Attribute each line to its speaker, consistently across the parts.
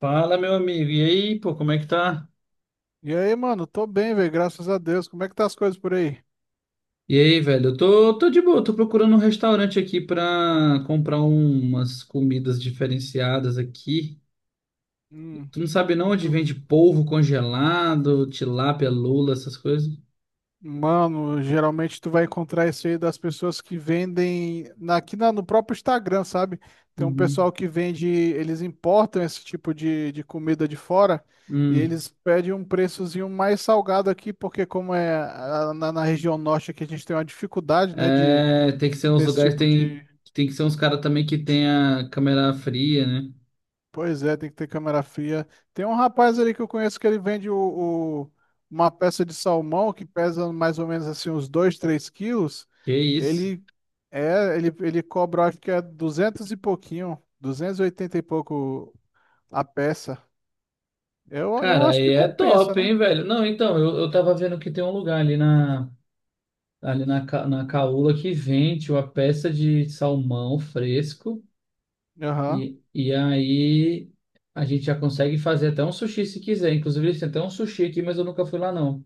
Speaker 1: Fala, meu amigo. E aí, pô, como é que tá?
Speaker 2: E aí, mano, tô bem, velho, graças a Deus. Como é que tá as coisas por aí?
Speaker 1: E aí, velho? Eu tô de boa, tô procurando um restaurante aqui pra comprar umas comidas diferenciadas aqui.
Speaker 2: Hum,
Speaker 1: Tu não sabe não onde
Speaker 2: tu-
Speaker 1: vende polvo congelado, tilápia, lula, essas coisas?
Speaker 2: Mano, geralmente tu vai encontrar isso aí das pessoas que vendem aqui no próprio Instagram, sabe? Tem um
Speaker 1: Uhum.
Speaker 2: pessoal que vende, eles importam esse tipo de comida de fora e
Speaker 1: Hum.
Speaker 2: eles pedem um preçozinho mais salgado aqui, porque como é na região norte aqui a gente tem uma dificuldade, né, de
Speaker 1: É, tem que ser
Speaker 2: ter
Speaker 1: uns
Speaker 2: esse
Speaker 1: lugares,
Speaker 2: tipo
Speaker 1: tem,
Speaker 2: de.
Speaker 1: tem que ser uns caras também que tenha câmera fria, né?
Speaker 2: Pois é, tem que ter câmera fria. Tem um rapaz ali que eu conheço que ele vende o- uma peça de salmão que pesa mais ou menos assim uns 2 3 quilos.
Speaker 1: Que isso.
Speaker 2: Ele ele cobra, acho que é 200 e pouquinho, 280 e oitenta e pouco a peça. Eu
Speaker 1: Cara,
Speaker 2: acho
Speaker 1: aí
Speaker 2: que
Speaker 1: é
Speaker 2: compensa,
Speaker 1: top,
Speaker 2: né?
Speaker 1: hein, velho? Não, então, eu tava vendo que tem um lugar ali na. Na caula que vende uma peça de salmão fresco
Speaker 2: Aham.
Speaker 1: e aí a gente já consegue fazer até um sushi se quiser. Inclusive, eles têm até um sushi aqui, mas eu nunca fui lá, não.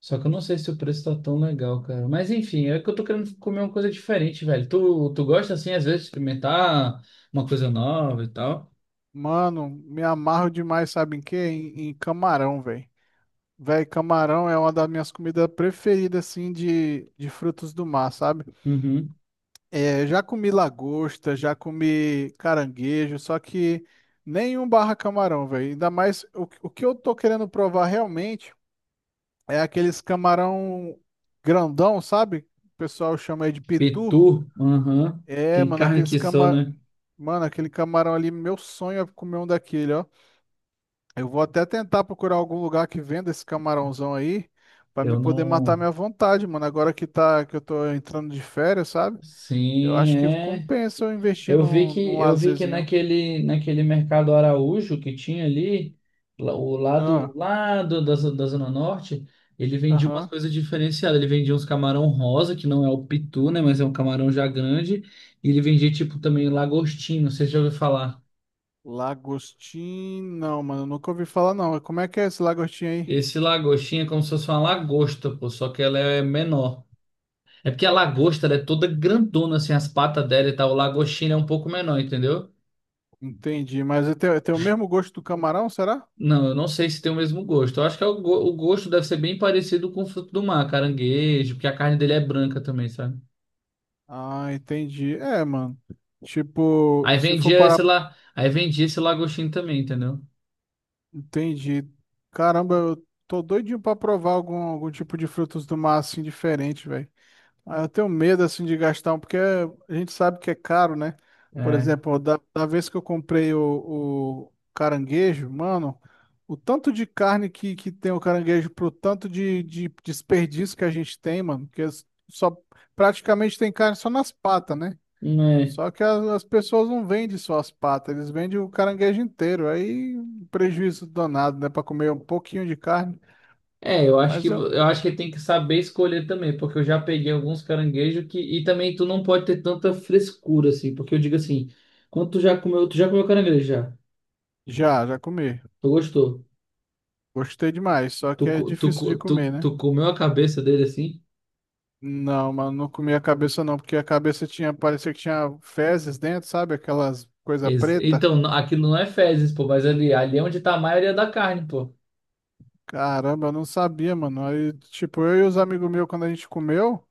Speaker 1: Só que eu não sei se o preço tá tão legal, cara. Mas enfim, é que eu tô querendo comer uma coisa diferente, velho. Tu gosta, assim, às vezes, de experimentar uma coisa nova e tal?
Speaker 2: Mano, me amarro demais, sabe em quê? Em camarão, velho. Véi, camarão é uma das minhas comidas preferidas, assim, de frutos do mar, sabe?
Speaker 1: Uhum.
Speaker 2: É, já comi lagosta, já comi caranguejo, só que nenhum barra camarão, velho. Ainda mais o que eu tô querendo provar realmente é aqueles camarão grandão, sabe? O pessoal chama aí de pitu.
Speaker 1: Petu? Aham.
Speaker 2: É,
Speaker 1: Tem
Speaker 2: mano,
Speaker 1: carne aqui só, né?
Speaker 2: mano, aquele camarão ali, meu sonho é comer um daquele, ó. Eu vou até tentar procurar algum lugar que venda esse camarãozão aí, pra me
Speaker 1: Eu
Speaker 2: poder matar
Speaker 1: não...
Speaker 2: minha vontade, mano. Agora que eu tô entrando de férias, sabe? Eu
Speaker 1: Sim,
Speaker 2: acho que
Speaker 1: é.
Speaker 2: compensa eu investir
Speaker 1: Eu vi
Speaker 2: num,
Speaker 1: que
Speaker 2: num
Speaker 1: eu vi que
Speaker 2: lazerzinho.
Speaker 1: naquele mercado Araújo que tinha ali, o lado
Speaker 2: Ah,
Speaker 1: lá da Zona Norte, ele vendia umas
Speaker 2: aham.
Speaker 1: coisas diferenciadas. Ele vendia uns camarão rosa, que não é o pitu, né, mas é um camarão já grande, e ele vendia tipo também lagostinho, não sei se já ouviu falar.
Speaker 2: Lagostim, não, mano, eu nunca ouvi falar não. Como é que é esse lagostim aí?
Speaker 1: Esse lagostinho é como se fosse uma lagosta, pô, só que ela é menor. É porque a lagosta ela é toda grandona assim, as patas dela e tal, o lagostinho é um pouco menor, entendeu?
Speaker 2: Entendi, mas ele tem o mesmo gosto do camarão, será?
Speaker 1: Não, eu não sei se tem o mesmo gosto. Eu acho que é o gosto deve ser bem parecido com o fruto do mar, caranguejo, porque a carne dele é branca também, sabe?
Speaker 2: Ah, entendi. É, mano. Tipo,
Speaker 1: Aí
Speaker 2: se for
Speaker 1: vendia esse
Speaker 2: parar.
Speaker 1: lá, aí vendia esse lagostinho também, entendeu?
Speaker 2: Entendi. Caramba, eu tô doidinho pra provar algum tipo de frutos do mar assim diferente, velho. Ah, eu tenho medo assim de gastar, porque a gente sabe que é caro, né? Por
Speaker 1: É.
Speaker 2: exemplo, da vez que eu comprei o caranguejo, mano, o tanto de carne que tem o caranguejo pro tanto de desperdício que a gente tem, mano, que só praticamente tem carne só nas patas, né?
Speaker 1: É,
Speaker 2: Só que as pessoas não vendem só as patas, eles vendem o caranguejo inteiro. Aí um prejuízo danado, né? Pra comer um pouquinho de carne.
Speaker 1: É, eu acho que
Speaker 2: Mas eu
Speaker 1: eu acho que tem que saber escolher também, porque eu já peguei alguns caranguejos que e também tu não pode ter tanta frescura assim, porque eu digo assim, quando tu já comeu caranguejo já?
Speaker 2: já comi.
Speaker 1: Tu gostou?
Speaker 2: Gostei demais, só
Speaker 1: Tu,
Speaker 2: que é
Speaker 1: co- tu,
Speaker 2: difícil
Speaker 1: co-
Speaker 2: de
Speaker 1: tu,
Speaker 2: comer, né?
Speaker 1: tu comeu a cabeça dele assim?
Speaker 2: Não, mano, não comia a cabeça não, porque a cabeça tinha, parecia que tinha fezes dentro, sabe? Aquelas coisa
Speaker 1: Ex-
Speaker 2: preta.
Speaker 1: Então, n- aquilo não é fezes, pô, mas ali, ali é onde tá a maioria da carne, pô.
Speaker 2: Caramba, eu não sabia, mano. Aí, tipo, eu e os amigos meus, quando a gente comeu,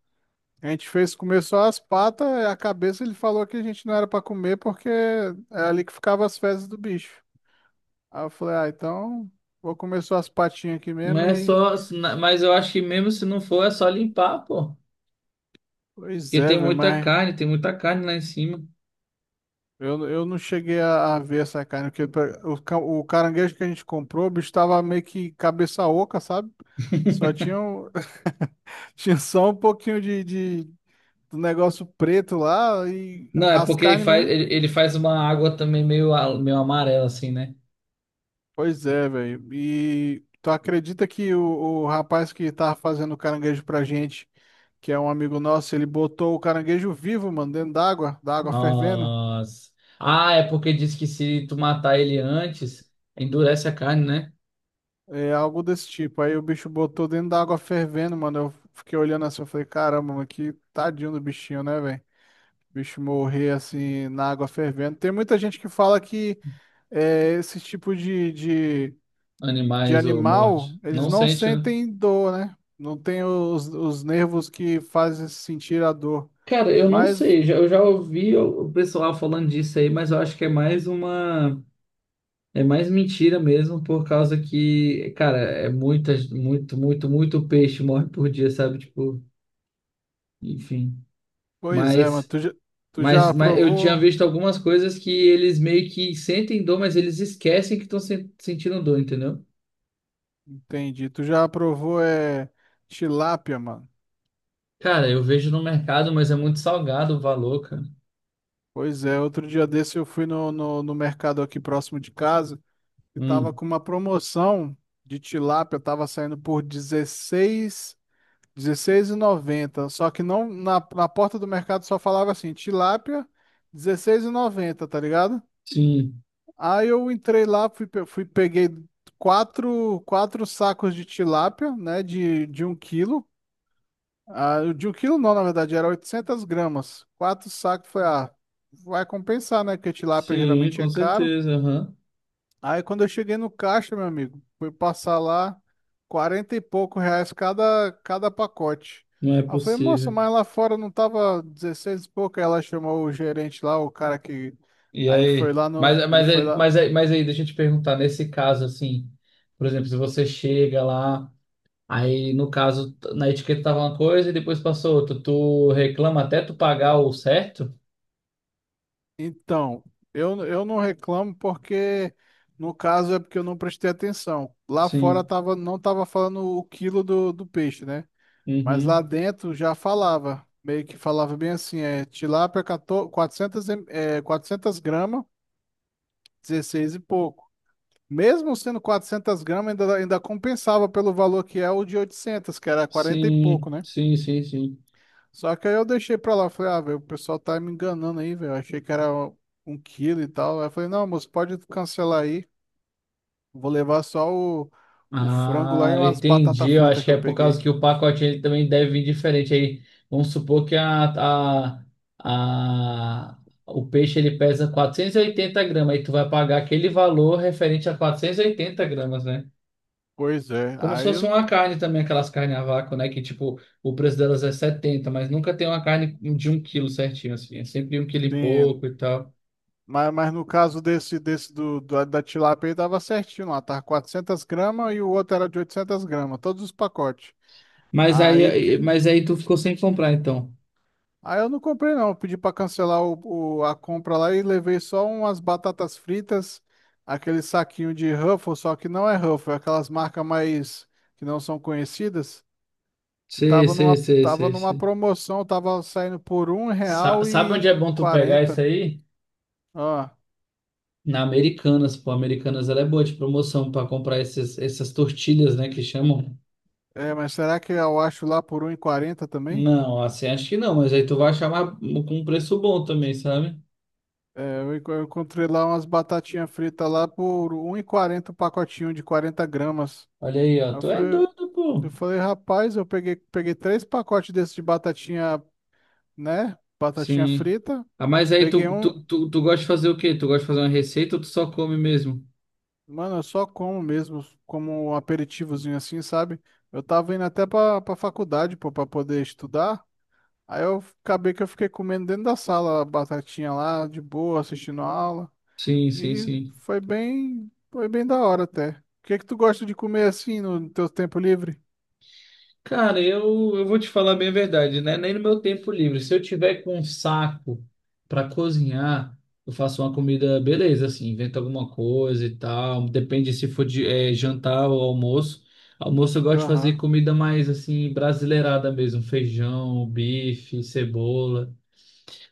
Speaker 2: a gente fez comer só as patas, a cabeça ele falou que a gente não era pra comer porque é ali que ficavam as fezes do bicho. Aí eu falei, ah, então vou comer só as patinhas aqui
Speaker 1: Não
Speaker 2: mesmo
Speaker 1: é
Speaker 2: e...
Speaker 1: só, mas eu acho que mesmo se não for, é só limpar, pô.
Speaker 2: Pois
Speaker 1: Porque
Speaker 2: é, velho, mas...
Speaker 1: tem muita carne lá em cima.
Speaker 2: Eu não cheguei a ver essa carne, porque o caranguejo que a gente comprou, o bicho tava meio que cabeça oca, sabe? Só tinha, tinha só um pouquinho do negócio preto lá e
Speaker 1: Não, é
Speaker 2: as
Speaker 1: porque ele
Speaker 2: carnes
Speaker 1: faz,
Speaker 2: mesmo.
Speaker 1: ele, ele faz uma água também meio amarela, assim, né?
Speaker 2: Pois é, velho. E tu acredita que o rapaz que tava fazendo o caranguejo pra gente, que é um amigo nosso, ele botou o caranguejo vivo, mano, dentro d'água, da água fervendo.
Speaker 1: Nossa. Ah, é porque diz que se tu matar ele antes, endurece a carne, né?
Speaker 2: É algo desse tipo. Aí o bicho botou dentro da água fervendo, mano. Eu fiquei olhando assim, eu falei, caramba, mano, que tadinho do bichinho, né, velho? O bicho morrer assim na água fervendo. Tem muita gente que fala que esse tipo de, de
Speaker 1: Animais ou
Speaker 2: animal,
Speaker 1: morte.
Speaker 2: eles
Speaker 1: Não
Speaker 2: não
Speaker 1: sente, né?
Speaker 2: sentem dor, né? Não tem os nervos que fazem sentir a dor.
Speaker 1: Cara, eu não
Speaker 2: Mas,
Speaker 1: sei, eu já ouvi o pessoal falando disso aí, mas eu acho que é mais uma. É mais mentira mesmo, por causa que, cara, é muita, muito, muito, muito peixe morre por dia, sabe? Tipo, enfim.
Speaker 2: pois é, mano,
Speaker 1: Mas,
Speaker 2: tu
Speaker 1: mas,
Speaker 2: já
Speaker 1: mas eu tinha
Speaker 2: provou?
Speaker 1: visto algumas coisas que eles meio que sentem dor, mas eles esquecem que estão sentindo dor, entendeu?
Speaker 2: Entendi. Tu já provou tilápia, mano?
Speaker 1: Cara, eu vejo no mercado, mas é muito salgado o valor, cara.
Speaker 2: Pois é, outro dia desse eu fui no mercado aqui próximo de casa e tava
Speaker 1: Hum,
Speaker 2: com uma promoção de tilápia, tava saindo por 16,90. Só que não na porta do mercado só falava assim, tilápia 16,90, tá ligado?
Speaker 1: sim,
Speaker 2: Aí eu entrei lá, fui peguei quatro sacos de tilápia, né, de um quilo, ah, o de um quilo não, na verdade, era 800 gramas. Quatro sacos, foi, vai compensar, né? Porque tilápia
Speaker 1: sim,
Speaker 2: geralmente é
Speaker 1: com
Speaker 2: caro.
Speaker 1: certeza, aham.
Speaker 2: Aí quando eu cheguei no caixa, meu amigo, fui passar lá 40 e pouco reais cada pacote.
Speaker 1: Não é
Speaker 2: Aí eu falei, moça,
Speaker 1: possível.
Speaker 2: mas lá fora não tava 16 e pouco. Aí ela chamou o gerente lá, o cara que.
Speaker 1: E
Speaker 2: Aí ele foi
Speaker 1: aí?
Speaker 2: lá no.
Speaker 1: Mas,
Speaker 2: Ele
Speaker 1: mas,
Speaker 2: foi
Speaker 1: aí-
Speaker 2: lá.
Speaker 1: mas, aí- mas aí, deixa eu te perguntar, nesse caso, assim, por exemplo, se você chega lá. Aí, no caso, na etiqueta tava uma coisa e depois passou outra. Tu reclama até tu pagar o certo?
Speaker 2: Então, eu não reclamo porque, no caso, é porque eu não prestei atenção. Lá fora
Speaker 1: Sim,
Speaker 2: tava, não tava falando o quilo do peixe, né? Mas lá
Speaker 1: uhum.
Speaker 2: dentro já falava. Meio que falava bem assim, é tilápia 14, 400, 400 gramas, 16 e pouco. Mesmo sendo 400 gramas, ainda compensava pelo valor que é o de 800 que era quarenta e pouco,
Speaker 1: Sim,
Speaker 2: né?
Speaker 1: sim, sim, sim.
Speaker 2: Só que aí eu deixei pra lá, falei, ah, velho, o pessoal tá me enganando aí, velho. Eu achei que era um quilo e tal. Aí eu falei, não, moço, pode cancelar aí. Vou levar só o frango lá
Speaker 1: Ah,
Speaker 2: e
Speaker 1: eu
Speaker 2: umas batata
Speaker 1: entendi. Eu
Speaker 2: frita
Speaker 1: acho
Speaker 2: que
Speaker 1: que
Speaker 2: eu
Speaker 1: é por
Speaker 2: peguei.
Speaker 1: causa que o pacote ele também deve vir diferente. Aí, vamos supor que a, o peixe ele pesa 480 gramas. Aí tu vai pagar aquele valor referente a 480 gramas, né?
Speaker 2: Pois é,
Speaker 1: Como se
Speaker 2: aí
Speaker 1: fosse
Speaker 2: eu,
Speaker 1: uma carne também, aquelas carnes a vácuo, né? Que tipo, o preço delas é 70, mas nunca tem uma carne de um quilo certinho, assim. É sempre um quilo e pouco
Speaker 2: sim.
Speaker 1: e tal.
Speaker 2: Mas no caso desse da tilápia aí tava certinho lá, tava 400 gramas e o outro era de 800 gramas, todos os pacotes.
Speaker 1: Mas
Speaker 2: Aí,
Speaker 1: aí,
Speaker 2: porque,
Speaker 1: mas aí tu ficou sem comprar, então.
Speaker 2: ah, eu não comprei não. Eu pedi para cancelar a compra lá e levei só umas batatas fritas, aquele saquinho de Ruffles, só que não é Ruffles, é aquelas marcas mais que não são conhecidas, que
Speaker 1: Sei,
Speaker 2: tava
Speaker 1: sei,
Speaker 2: numa,
Speaker 1: sei,
Speaker 2: tava
Speaker 1: sei,
Speaker 2: numa
Speaker 1: sei.
Speaker 2: promoção, tava saindo por um
Speaker 1: Sa-
Speaker 2: real
Speaker 1: Sabe onde
Speaker 2: e
Speaker 1: é bom tu pegar isso
Speaker 2: quarenta.
Speaker 1: aí?
Speaker 2: Ah,
Speaker 1: Na Americanas, pô. Americanas, ela é boa de promoção pra comprar esses, essas tortilhas, né? Que chamam.
Speaker 2: é, mas será que eu acho lá por 1,40 também?
Speaker 1: Não, assim, acho que não, mas aí tu vai achar mais- com um preço bom também, sabe?
Speaker 2: É, eu encontrei lá umas batatinhas fritas lá por 1,40, um pacotinho de 40 gramas.
Speaker 1: Olha aí, ó.
Speaker 2: Aí
Speaker 1: Tu é
Speaker 2: foi.
Speaker 1: doido, pô.
Speaker 2: Eu falei, rapaz, eu peguei três pacotes desses de batatinha, né? Batatinha
Speaker 1: Sim.
Speaker 2: frita.
Speaker 1: Ah, mas aí
Speaker 2: Peguei
Speaker 1: tu,
Speaker 2: um.
Speaker 1: tu, tu, tu gosta de fazer o quê? Tu gosta de fazer uma receita ou tu só come mesmo?
Speaker 2: Mano, eu só como mesmo, como um aperitivozinho assim, sabe? Eu tava indo até pra faculdade, pô, pra poder estudar. Aí eu acabei que eu fiquei comendo dentro da sala a batatinha lá, de boa, assistindo a aula.
Speaker 1: Sim, sim,
Speaker 2: E
Speaker 1: sim.
Speaker 2: foi bem da hora até. O que que tu gosta de comer assim no teu tempo livre?
Speaker 1: Cara, eu vou te falar bem a verdade, né? Nem no meu tempo livre. Se eu tiver com um saco para cozinhar, eu faço uma comida, beleza, assim, invento alguma coisa e tal. Depende se for de, jantar ou almoço. Almoço eu gosto de fazer
Speaker 2: Aham.
Speaker 1: comida mais assim, brasileirada mesmo, feijão, bife, cebola.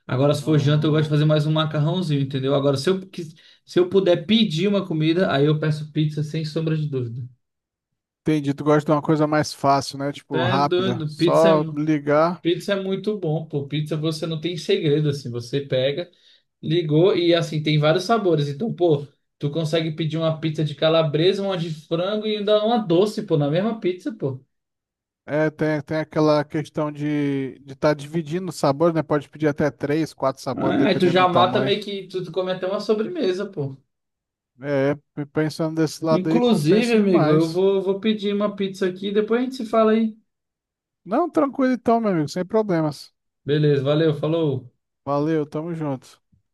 Speaker 1: Agora, se for janta, eu gosto de
Speaker 2: Ah,
Speaker 1: fazer mais um macarrãozinho, entendeu? Agora, se eu puder pedir uma comida, aí eu peço pizza sem sombra de dúvida.
Speaker 2: entendi, tu gosta de uma coisa mais fácil, né? Tipo,
Speaker 1: É
Speaker 2: rápida.
Speaker 1: doido, pizza é,
Speaker 2: Só
Speaker 1: mu-
Speaker 2: ligar.
Speaker 1: pizza é muito bom, pô. Pizza você não tem segredo, assim. Você pega, ligou e, assim, tem vários sabores. Então, pô, tu consegue pedir uma pizza de calabresa, uma de frango e ainda uma doce, pô, na mesma pizza, pô.
Speaker 2: É, tem aquela questão de estar dividindo os sabores, né? Pode pedir até três, quatro sabores,
Speaker 1: Ah, aí tu
Speaker 2: dependendo
Speaker 1: já
Speaker 2: do
Speaker 1: mata
Speaker 2: tamanho.
Speaker 1: meio que tu come até uma sobremesa, pô.
Speaker 2: É, pensando desse lado aí,
Speaker 1: Inclusive,
Speaker 2: compensa
Speaker 1: amigo, eu
Speaker 2: demais.
Speaker 1: vou pedir uma pizza aqui, depois a gente se fala aí.
Speaker 2: Não, tranquilo então, meu amigo, sem problemas.
Speaker 1: Beleza, valeu, falou.
Speaker 2: Valeu, tamo junto.